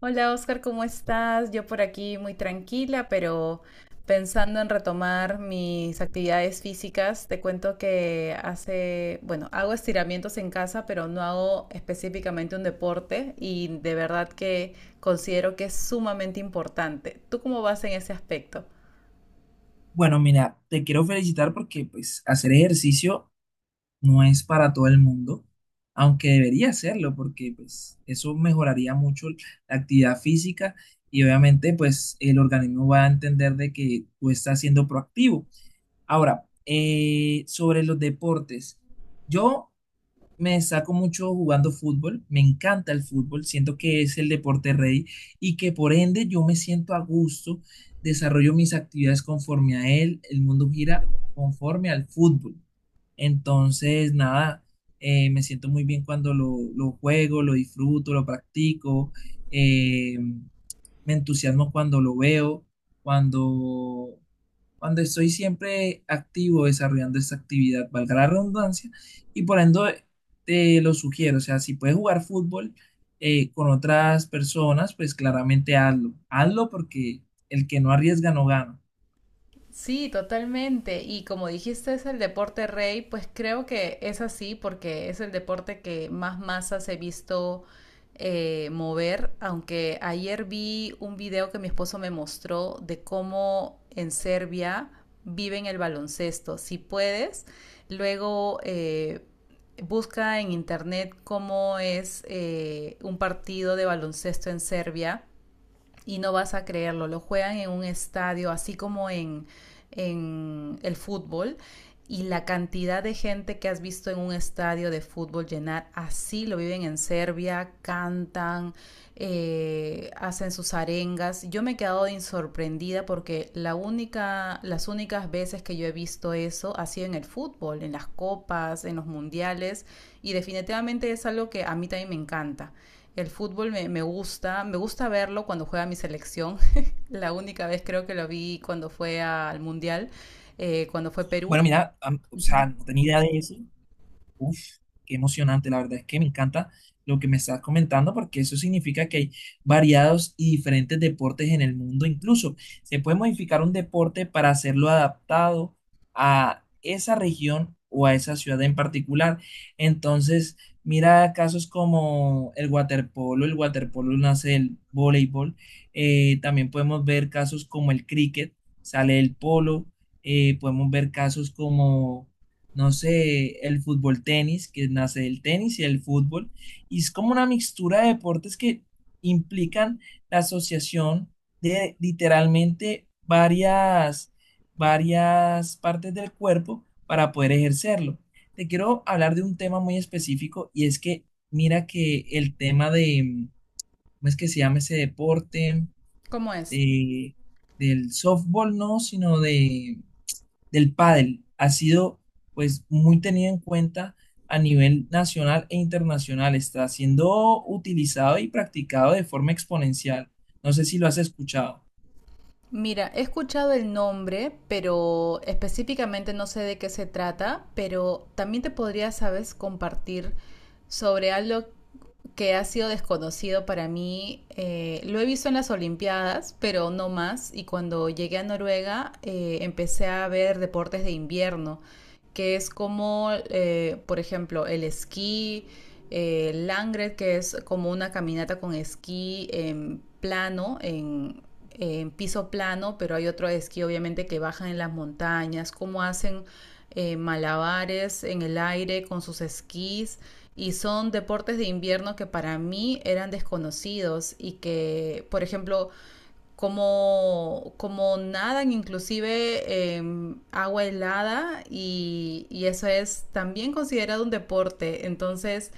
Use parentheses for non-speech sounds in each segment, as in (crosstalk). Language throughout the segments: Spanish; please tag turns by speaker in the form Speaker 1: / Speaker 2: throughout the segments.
Speaker 1: Hola Oscar, ¿cómo estás? Yo por aquí muy tranquila, pero pensando en retomar mis actividades físicas, te cuento que hace, bueno, hago estiramientos en casa, pero no hago específicamente un deporte y de verdad que considero que es sumamente importante. ¿Tú cómo vas en ese aspecto?
Speaker 2: Bueno, mira, te quiero felicitar porque pues hacer ejercicio no es para todo el mundo, aunque debería hacerlo porque pues eso mejoraría mucho la actividad física y obviamente pues el organismo va a entender de que tú estás siendo proactivo. Ahora, sobre los deportes, yo me destaco mucho jugando fútbol, me encanta el fútbol, siento que es el deporte rey y que por ende yo me siento a gusto, desarrollo mis actividades conforme a él, el mundo gira conforme al fútbol. Entonces, nada, me siento muy bien cuando lo juego, lo disfruto, lo practico. eh, Me entusiasmo cuando lo veo, cuando, cuando estoy siempre activo desarrollando esta actividad, valga la redundancia, y por ende te lo sugiero, o sea, si puedes jugar fútbol con otras personas, pues claramente hazlo, hazlo porque el que no arriesga no gana.
Speaker 1: Sí, totalmente. Y como dijiste, es el deporte rey, pues creo que es así porque es el deporte que más masas he visto mover. Aunque ayer vi un video que mi esposo me mostró de cómo en Serbia viven el baloncesto. Si puedes, luego busca en internet cómo es un partido de baloncesto en Serbia y no vas a creerlo, lo juegan en un estadio, así como en el fútbol. Y la cantidad de gente que has visto en un estadio de fútbol llenar, así lo viven en Serbia, cantan, hacen sus arengas. Yo me he quedado sorprendida porque la única, las únicas veces que yo he visto eso ha sido en el fútbol, en las copas, en los mundiales, y definitivamente es algo que a mí también me encanta. El fútbol me, me gusta verlo cuando juega mi selección. (laughs) La única vez creo que lo vi cuando fue al Mundial, cuando fue Perú.
Speaker 2: Bueno, mira, o
Speaker 1: Ujú.
Speaker 2: sea, no tenía idea de eso. Uf, qué emocionante, la verdad es que me encanta lo que me estás comentando porque eso significa que hay variados y diferentes deportes en el mundo. Incluso se puede modificar un deporte para hacerlo adaptado a esa región o a esa ciudad en particular. Entonces, mira casos como el waterpolo nace del voleibol. También podemos ver casos como el cricket, sale el polo. Podemos ver casos como no sé, el fútbol tenis, que nace del tenis y el fútbol, y es como una mixtura de deportes que implican la asociación de literalmente varias partes del cuerpo para poder ejercerlo. Te quiero hablar de un tema muy específico y es que mira que el tema de, ¿cómo es que se llama ese deporte?
Speaker 1: ¿Cómo es?
Speaker 2: De, del softball, no, sino de del pádel ha sido pues muy tenido en cuenta a nivel nacional e internacional. Está siendo utilizado y practicado de forma exponencial. No sé si lo has escuchado.
Speaker 1: Mira, he escuchado el nombre, pero específicamente no sé de qué se trata, pero también te podría, sabes, compartir sobre algo que ha sido desconocido para mí. Lo he visto en las Olimpiadas, pero no más. Y cuando llegué a Noruega, empecé a ver deportes de invierno, que es como, por ejemplo, el esquí, Langred, que es como una caminata con esquí en plano, en piso plano, pero hay otro esquí obviamente que bajan en las montañas, cómo hacen malabares en el aire con sus esquís y son deportes de invierno que para mí eran desconocidos y que, por ejemplo, como, como nadan inclusive en agua helada y eso es también considerado un deporte. Entonces,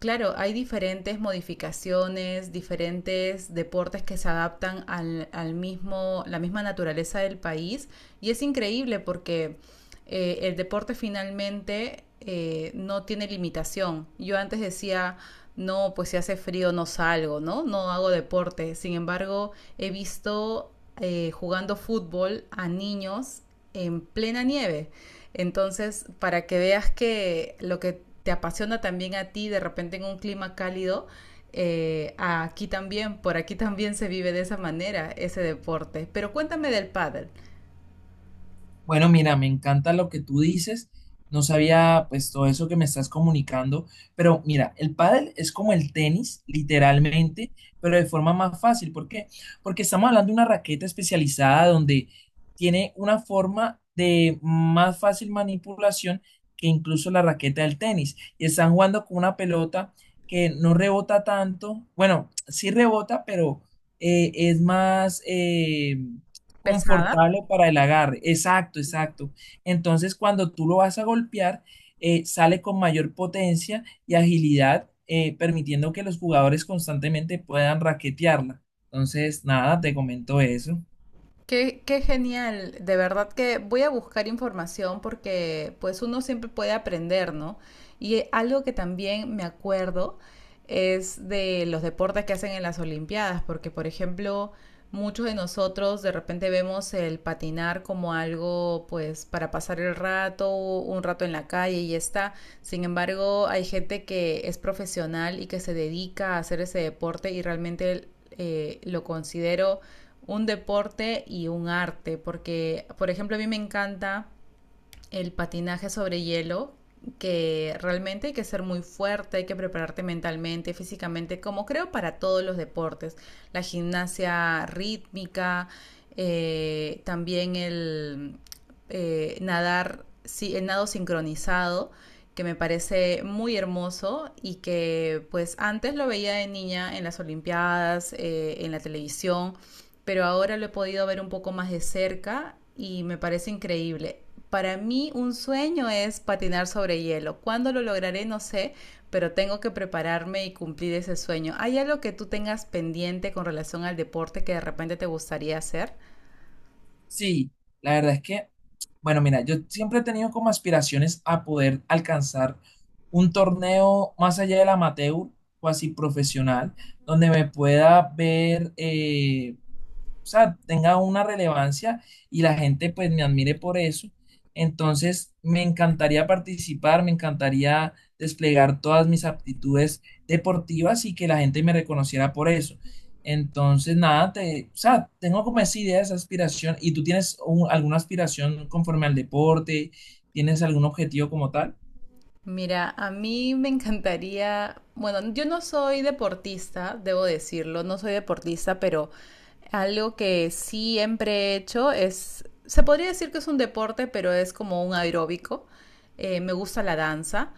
Speaker 1: claro, hay diferentes modificaciones, diferentes deportes que se adaptan al, al mismo, la misma naturaleza del país y es increíble porque el deporte finalmente no tiene limitación. Yo antes decía, no, pues si hace frío no salgo, ¿no? No hago deporte. Sin embargo, he visto jugando fútbol a niños en plena nieve. Entonces, para que veas que lo que te apasiona también a ti de repente en un clima cálido, aquí también, por aquí también se vive de esa manera ese deporte. Pero cuéntame del pádel.
Speaker 2: Bueno, mira, me encanta lo que tú dices. No sabía pues todo eso que me estás comunicando, pero mira, el pádel es como el tenis, literalmente, pero de forma más fácil. ¿Por qué? Porque estamos hablando de una raqueta especializada donde tiene una forma de más fácil manipulación que incluso la raqueta del tenis. Y están jugando con una pelota que no rebota tanto. Bueno, sí rebota, pero es más
Speaker 1: ¿Pesada?
Speaker 2: confortable para el agarre. Exacto, exacto. Entonces, cuando tú lo vas a golpear, sale con mayor potencia y agilidad, permitiendo que los jugadores constantemente puedan raquetearla. Entonces, nada, te comento eso.
Speaker 1: Qué, qué genial, de verdad que voy a buscar información porque pues uno siempre puede aprender, ¿no? Y algo que también me acuerdo es de los deportes que hacen en las Olimpiadas, porque por ejemplo, muchos de nosotros de repente vemos el patinar como algo pues para pasar el rato, un rato en la calle y ya está. Sin embargo, hay gente que es profesional y que se dedica a hacer ese deporte y realmente lo considero un deporte y un arte, porque, por ejemplo, a mí me encanta el patinaje sobre hielo, que realmente hay que ser muy fuerte, hay que prepararte mentalmente, físicamente, como creo para todos los deportes, la gimnasia rítmica, también el nadar, sí, el nado sincronizado, que me parece muy hermoso y que pues antes lo veía de niña en las Olimpiadas, en la televisión, pero ahora lo he podido ver un poco más de cerca y me parece increíble. Para mí un sueño es patinar sobre hielo. ¿Cuándo lo lograré? No sé, pero tengo que prepararme y cumplir ese sueño. ¿Hay algo que tú tengas pendiente con relación al deporte que de repente te gustaría hacer?
Speaker 2: Sí, la verdad es que, bueno, mira, yo siempre he tenido como aspiraciones a poder alcanzar un torneo más allá del amateur, o así profesional, donde me pueda ver, o sea, tenga una relevancia y la gente pues me admire por eso. Entonces, me encantaría participar, me encantaría desplegar todas mis aptitudes deportivas y que la gente me reconociera por eso. Entonces, nada, o sea, tengo como esa idea, esa aspiración. ¿Y tú tienes alguna aspiración conforme al deporte? ¿Tienes algún objetivo como tal?
Speaker 1: Mira, a mí me encantaría, bueno, yo no soy deportista, debo decirlo, no soy deportista, pero algo que siempre he hecho es, se podría decir que es un deporte, pero es como un aeróbico. Me gusta la danza,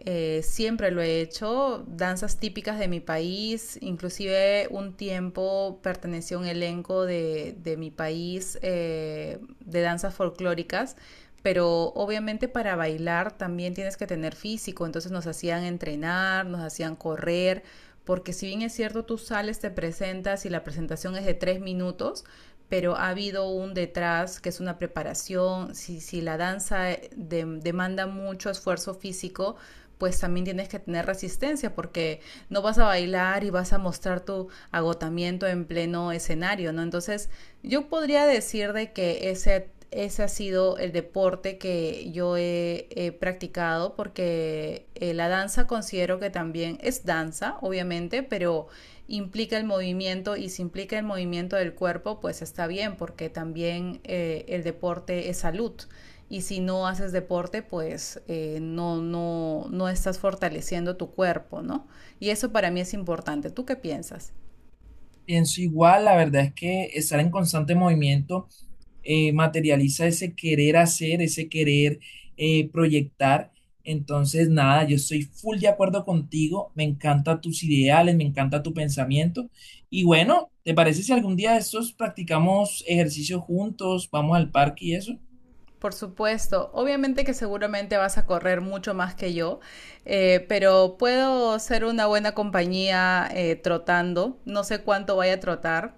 Speaker 1: siempre lo he hecho, danzas típicas de mi país, inclusive un tiempo pertenecí a un elenco de mi país de danzas folclóricas, pero obviamente para bailar también tienes que tener físico, entonces nos hacían entrenar, nos hacían correr, porque si bien es cierto, tú sales, te presentas y la presentación es de 3 minutos, pero ha habido un detrás que es una preparación, si, si la danza demanda mucho esfuerzo físico, pues también tienes que tener resistencia porque no vas a bailar y vas a mostrar tu agotamiento en pleno escenario, ¿no? Entonces, yo podría decir de que ese ha sido el deporte que yo he, he practicado porque la danza considero que también es danza, obviamente, pero implica el movimiento y si implica el movimiento del cuerpo, pues está bien porque también el deporte es salud. Y si no haces deporte, pues no, no, no estás fortaleciendo tu cuerpo, ¿no? Y eso para mí es importante. ¿Tú qué piensas?
Speaker 2: Pienso igual, la verdad es que estar en constante movimiento materializa ese querer hacer, ese querer proyectar. Entonces, nada, yo estoy full de acuerdo contigo, me encantan tus ideales, me encanta tu pensamiento. Y bueno, ¿te parece si algún día de estos practicamos ejercicio juntos, vamos al parque y eso?
Speaker 1: Por supuesto, obviamente que seguramente vas a correr mucho más que yo, pero puedo ser una buena compañía trotando, no sé cuánto vaya a trotar,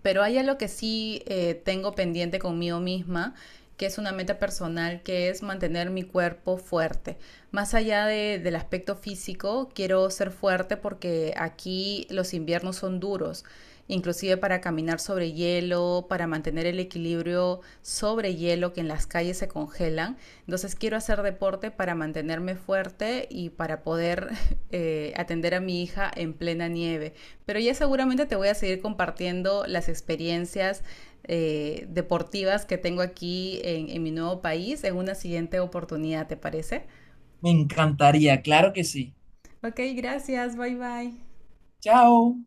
Speaker 1: pero hay algo que sí tengo pendiente conmigo misma, que es una meta personal, que es mantener mi cuerpo fuerte. Más allá de- del aspecto físico, quiero ser fuerte porque aquí los inviernos son duros, inclusive para caminar sobre hielo, para mantener el equilibrio sobre hielo que en las calles se congelan. Entonces quiero hacer deporte para mantenerme fuerte y para poder (laughs) atender a mi hija en plena nieve. Pero ya seguramente te voy a seguir compartiendo las experiencias deportivas que tengo aquí en mi nuevo país en una siguiente oportunidad, ¿te parece?
Speaker 2: Me encantaría, claro que sí.
Speaker 1: Ok, gracias, bye bye.
Speaker 2: Chao.